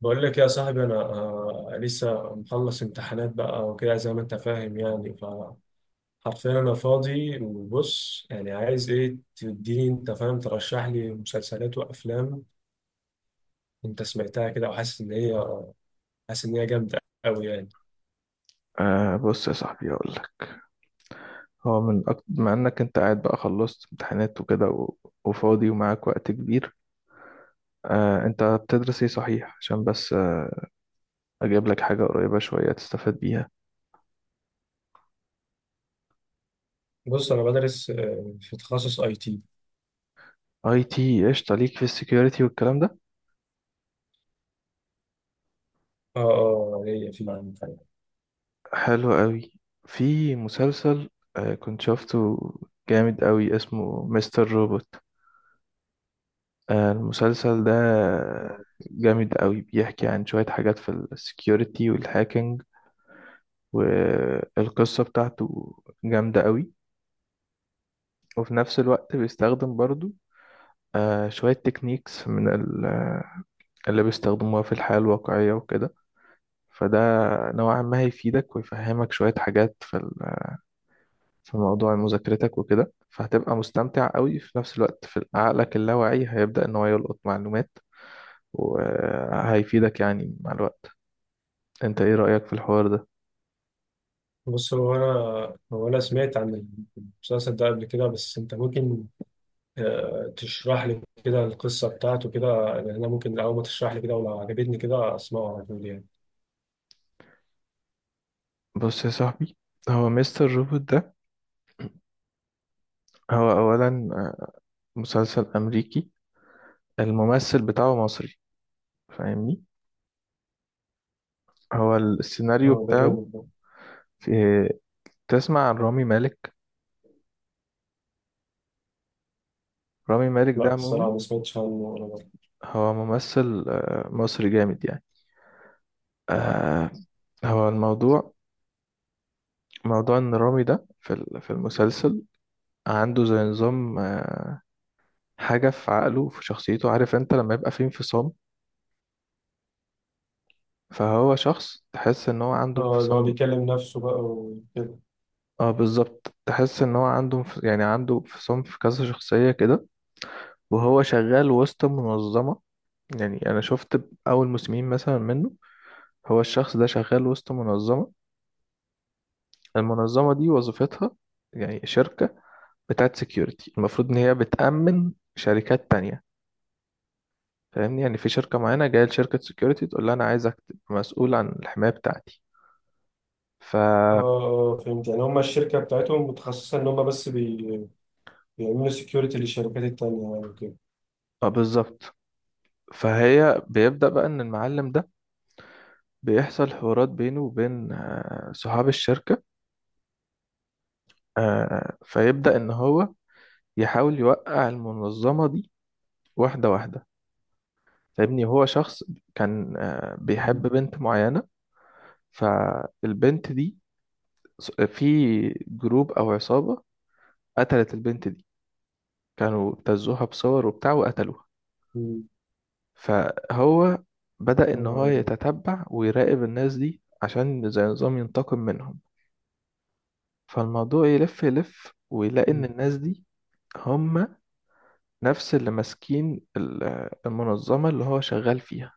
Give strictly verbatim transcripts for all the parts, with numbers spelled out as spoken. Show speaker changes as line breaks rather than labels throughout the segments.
بقول لك يا صاحبي انا آه، لسه مخلص امتحانات بقى وكده زي ما انت فاهم، يعني فحرفيا انا فاضي. وبص يعني، عايز ايه؟ تديني انت فاهم، ترشح لي مسلسلات وافلام. انت سمعتها كده وحاسس ان هي حاسس ان هي جامده قوي يعني.
آه بص يا صاحبي، هقول لك. هو من أكتر مع انك انت قاعد بقى، خلصت امتحانات وكده و... وفاضي ومعاك وقت كبير. آه انت بتدرس ايه صحيح؟ عشان بس آه اجيب لك حاجة قريبة شوية تستفاد بيها.
بص انا بدرس آه، في تخصص اي تي.
اي تي، قشطة. ليك في السكيورتي والكلام ده.
اه اه، ليا في.
حلو قوي. في مسلسل آه كنت شفته جامد قوي، اسمه مستر روبوت. آه المسلسل ده
آه.
جامد قوي، بيحكي عن شوية حاجات في السكيورتي والهاكينج، والقصة بتاعته جامدة قوي. وفي نفس الوقت بيستخدم برضو آه، شوية تكنيكس من ال- آه، اللي بيستخدموها في الحياة الواقعية وكده. فده نوعا ما هيفيدك ويفهمك شوية حاجات في ال- في موضوع مذاكرتك وكده، فهتبقى مستمتع قوي. في نفس الوقت في عقلك اللاواعي هيبدأ إن هو يلقط معلومات، وهيفيدك يعني مع الوقت. انت ايه رأيك في الحوار ده؟
بص، هو انا هو انا سمعت عن المسلسل ده قبل كده، بس انت ممكن آه، تشرح لي كده القصة بتاعته كده. لأن أنا ممكن أول ما تشرح لي كده ولو عجبتني كده أسمعه على طول يعني.
بص يا صاحبي، هو مستر روبوت ده، هو أولا مسلسل أمريكي، الممثل بتاعه مصري، فاهمني؟ هو السيناريو
اه، ده
بتاعه،
جامد ده.
في، تسمع عن رامي مالك؟ رامي مالك ده
لا،
عموما
الصراحة ما سمعتش عنه ولا مرة.
هو ممثل آه، مصري جامد يعني. آه، هو الموضوع، موضوع ان رامي ده في ال- في المسلسل عنده زي نظام، آه، حاجة في عقله في شخصيته، عارف انت لما يبقى فيه انفصام؟ فهو شخص تحس ان هو عنده
اه، اللي هو
انفصام.
بيكلم نفسه بقى وكده.
اه بالظبط، تحس ان هو عنده انف- يعني عنده انفصام في كذا شخصية كده. وهو شغال وسط منظمة. يعني أنا شفت أول مسلمين مثلا منه، هو الشخص ده شغال وسط منظمة، المنظمة دي وظيفتها، يعني شركة بتاعت سكيورتي، المفروض إن هي بتأمن شركات تانية. فاهمني؟ يعني في شركة معينة جاية لشركة سكيورتي تقول لها أنا عايزك تبقى مسؤول عن الحماية بتاعتي. ف
اه
آه
اه، فهمت. يعني هما الشركة بتاعتهم متخصصة إن هما بس بي... بيعملوا سكيورتي للشركات التانية يعني وكده.
بالظبط. فهي بيبدأ بقى إن المعلم ده بيحصل حوارات بينه وبين آه، صحاب الشركة. آه، فيبدأ إن هو يحاول يوقع المنظمة دي واحدة واحدة. فاهمني؟ هو شخص كان آه، بيحب
مم.
بنت معينة. فالبنت دي، ص- في جروب أو عصابة، قتلت البنت دي. كانوا ابتزوها بصور وبتاع وقتلوها.
مم.
فهو بدأ
يا
إن هو
نهار أبيض.
يتتبع ويراقب الناس دي عشان زي نظام ينتقم منهم. فالموضوع يلف يلف، ويلاقي إن
مم.
الناس دي هم نفس اللي ماسكين ال- المنظمة اللي هو شغال فيها.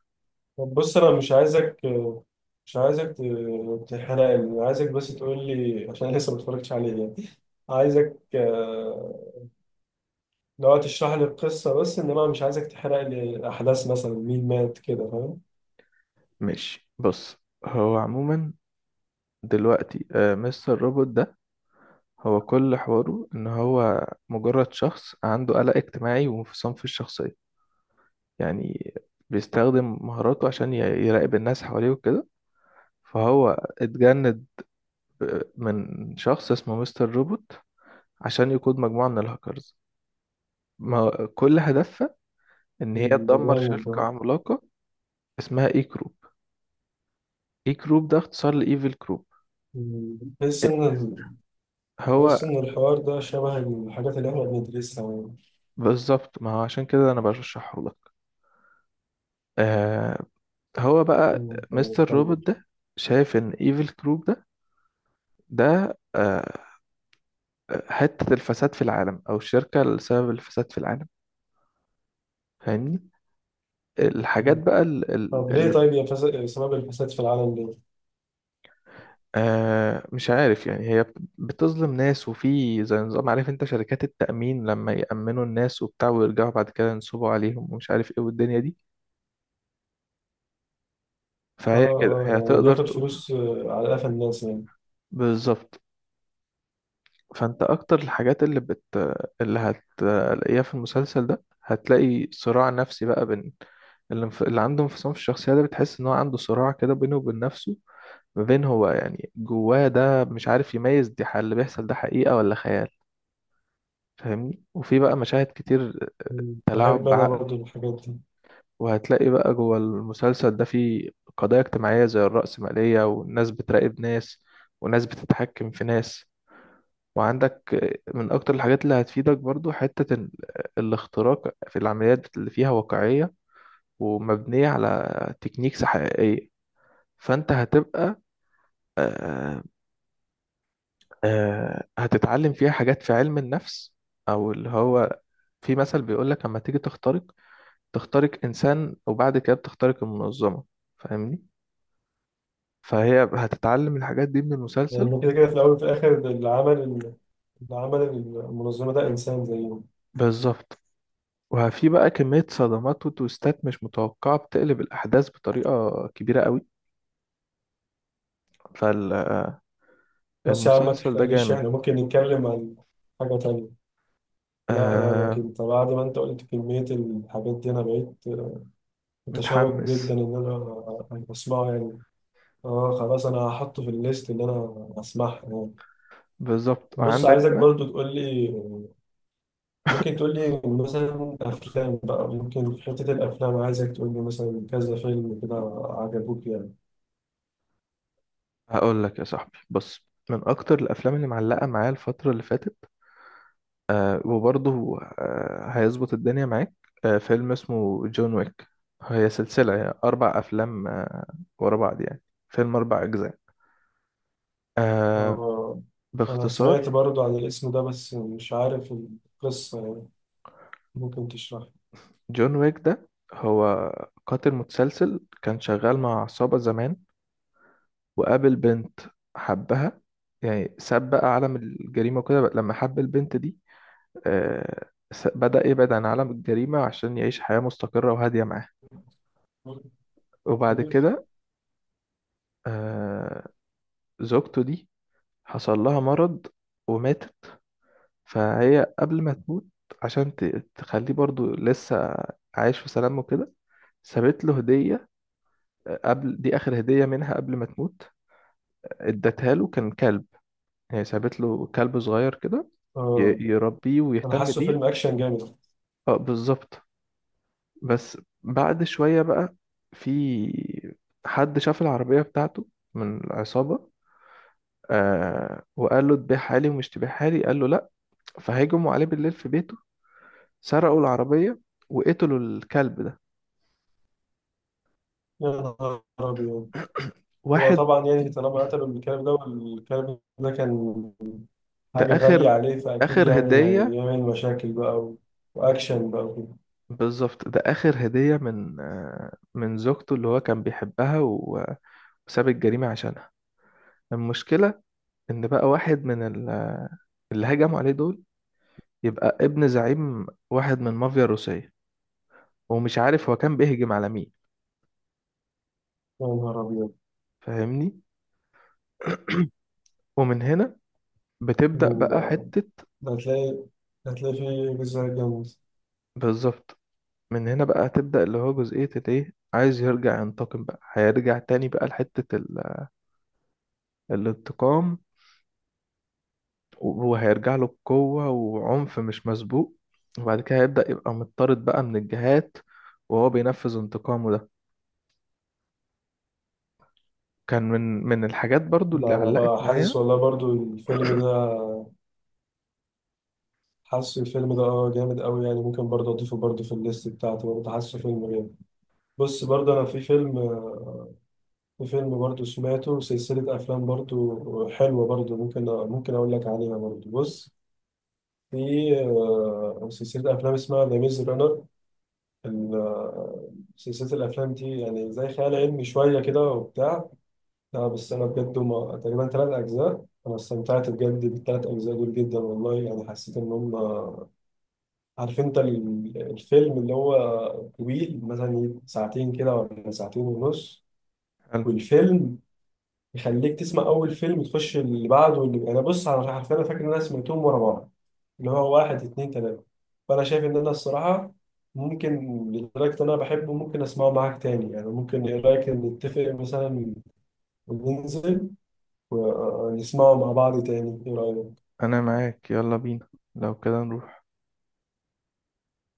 طب بص، أنا مش عايزك مش عايزك ت- تحرقني. عايزك بس تقول لي عشان أنا لسه ما اتفرجتش عليه يعني. عايزك آه، لو تشرح لي القصة بس، إنما مش عايزك تحرق لي أحداث مثلا مين مات كده، فاهم؟
ماشي، بص. هو عموما دلوقتي آه، مستر روبوت ده، هو كل حواره ان هو مجرد شخص عنده قلق اجتماعي وانفصام في الشخصية. يعني بيستخدم مهاراته عشان ي- يراقب الناس حواليه وكده. فهو اتجند ب- من شخص اسمه مستر روبوت، عشان يقود مجموعة من الهاكرز ما كل هدفها ان هي
مم، ده
تدمر
جامد ده.
شركة عملاقة اسمها اي كروب. اي كروب ده اختصار لايفل كروب.
مم، بحس إن ال-
هو
بحس إن الحوار ده شبه الحاجات اللي إحنا بندرسها يعني.
بالظبط، ما هو عشان كده انا بشرحه لك. آه هو بقى
مم، تمام،
مستر روبوت
كمل.
ده شايف ان ايفل كروب ده، ده آه حتة الفساد في العالم، او الشركة اللي سبب الفساد في العالم. فاهمني؟ الحاجات
مم.
بقى
طب ليه
اللي
طيب، يا فساد، سبب الفساد في العالم ليه؟
آه مش عارف يعني، هي بت- بتظلم ناس. وفي زي نظام، عارف انت شركات التأمين لما يأمنوا الناس وبتاع ويرجعوا بعد كده ينصبوا عليهم ومش عارف ايه والدنيا دي.
آه
فهي كده
آه،
هي
يعني
تقدر
بياخد
ت-
فلوس آه، على قفا الناس يعني.
بالظبط. فانت اكتر الحاجات اللي بت اللي هتلاقيها في المسلسل ده، هتلاقي صراع نفسي بقى بين اللي, انف... اللي عنده انفصام في الشخصية ده. بتحس ان هو عنده صراع كده بينه وبين نفسه، ما بين هو يعني جواه ده مش عارف يميز دي، ح- اللي بيحصل ده حقيقة ولا خيال. فاهمني؟ وفي بقى مشاهد كتير
مم، بحب
تلاعب
أنا
بعقل.
برضو الحاجات دي.
وهتلاقي بقى جوه المسلسل ده في قضايا اجتماعية زي الرأسمالية، والناس بتراقب ناس، وناس بتتحكم في ناس. وعندك من أكتر الحاجات اللي هتفيدك برضو حتة ال- الاختراق في العمليات اللي فيها واقعية ومبنية على تكنيكس حقيقية. فأنت هتبقى آه، آه، هتتعلم فيها حاجات في علم النفس. أو اللي هو في مثل بيقولك لما تيجي تخترق، تخترق إنسان وبعد كده بتخترق المنظمة. فاهمني؟ فهي هتتعلم الحاجات دي من المسلسل.
لأن كده كده في الأول وفي الآخر، اللي عمل اللي عمل المنظمة ده إنسان زيهم.
بالظبط. وفي بقى كمية صدمات وتويستات مش متوقعة بتقلب الأحداث بطريقة كبيرة قوي.
بس يا عم ما
فالمسلسل ده
تحرقليش،
جامد.
إحنا ممكن نتكلم عن حاجة تانية. لا لا، أنا
آه
كنت بعد ما أنت قلت كمية الحاجات دي أنا بقيت متشوق جدا
متحمس،
إن أنا أسمعه يعني. آه خلاص، أنا هحطه في الليست إن أنا أسمعها يعني.
بالظبط.
بص،
عندك
عايزك
بقى،
برضو تقول لي. ممكن تقول لي مثلا أفلام؟ بقى ممكن في حتة الأفلام عايزك تقول لي مثلا كذا فيلم كده عجبوك يعني.
هقول لك يا صاحبي، بص، من اكتر الافلام اللي معلقه معايا الفتره اللي فاتت، آه وبرضه آه هيظبط الدنيا معاك. آه فيلم اسمه جون ويك. هي سلسله يعني اربع افلام آه ورا بعض يعني. فيلم اربع اجزاء. آه
آه، أنا سمعت
باختصار،
برضو عن الاسم ده بس مش عارف القصة يعني، ممكن تشرح
جون ويك ده هو قاتل متسلسل كان شغال مع عصابه زمان، وقابل بنت حبها. يعني ساب بقى عالم الجريمة وكده بقى لما حب البنت دي. آه، س- بدأ يبعد عن عالم الجريمة عشان يعيش حياة مستقرة وهادية معاها. وبعد
لي.
كده آه، زوجته دي حصل لها مرض وماتت. فهي قبل ما تموت، عشان ت- تخليه برضو لسه عايش في سلام وكده، سابت له هدية. آه، قبل دي آخر هدية منها قبل ما تموت. ادتها له، كان كلب، هي سابت له كلب صغير كده ي-
آه،
يربيه
أنا
ويهتم
حاسه فيلم
بيه.
أكشن جامد.
اه بالظبط. بس بعد شوية بقى، في حد شاف العربية بتاعته من العصابة، آه وقال له تبيعها لي ومش تبيعها لي، قال له لا. فهجموا عليه بالليل في بيته، سرقوا العربية، وقتلوا الكلب ده.
يا نهار أبيض. هو
واحد،
طبعا يعني طالما قتلوا الكلب ده والكلب ده كان
ده
حاجة غالية
آخر
عليه، فأكيد
آخر
يعني
هدية.
هيعمل مشاكل بقى و... وأكشن بقى وكده.
بالظبط، ده آخر هدية من آه من زوجته اللي هو كان بيحبها، و- وساب الجريمة عشانها. المشكلة ان بقى واحد من ال- اللي هجموا عليه دول يبقى ابن زعيم واحد من المافيا الروسية، ومش عارف هو كان بيهجم على مين.
يا نهار أبيض.
فاهمني؟ ومن هنا بتبدأ
مم، ده
بقى حتة،
ده هتلاقي هتلاقي فيه جزء جامد.
بالظبط. من هنا بقى هتبدأ اللي هو جزئية الايه، عايز يرجع ينتقم بقى، هيرجع تاني بقى لحتة ال- الانتقام. وهو هيرجع له بقوة وعنف مش مسبوق. وبعد كده هيبدأ يبقى مضطرد بقى من الجهات وهو بينفذ انتقامه ده. كان من من الحاجات برضو اللي
لا، أنا
علقت
بقى حاسس
معايا.
والله برضو الفيلم ده، حاسه الفيلم ده اه جامد أوي يعني. ممكن برضه أضيفه برضه في الليست بتاعتي، برضه حاسه فيلم جامد. بص برضه، أنا في فيلم في فيلم برضو سمعته، سلسلة أفلام برضو حلوة، برضو ممكن ممكن أقول لك عليها برضو. بص، في آه، سلسلة أفلام اسمها ذا ميز رانر. سلسلة الأفلام دي يعني زي خيال علمي شوية كده وبتاع. لا بس أنا بجد هما تقريبا تلات أجزاء، أنا استمتعت بجد بالتلات أجزاء دول جدا والله يعني، حسيت إن هما عارف أنت ال- الفيلم اللي هو طويل مثلا ساعتين كده ولا ساعتين ونص، والفيلم يخليك تسمع اول فيلم وتخش اللي بعده. واللي انا بص انا عارف انا فاكر ان انا سمعتهم ورا بعض، اللي هو واحد اتنين تلاته. فانا شايف ان انا الصراحه ممكن، لدرجه ان انا بحبه ممكن اسمعه معاك تاني يعني. ممكن ايه رايك إن نتفق مثلا وننزل ونسمعه مع بعض تاني؟ ايه رايك؟
انا معاك، يلا بينا. لو كده نروح.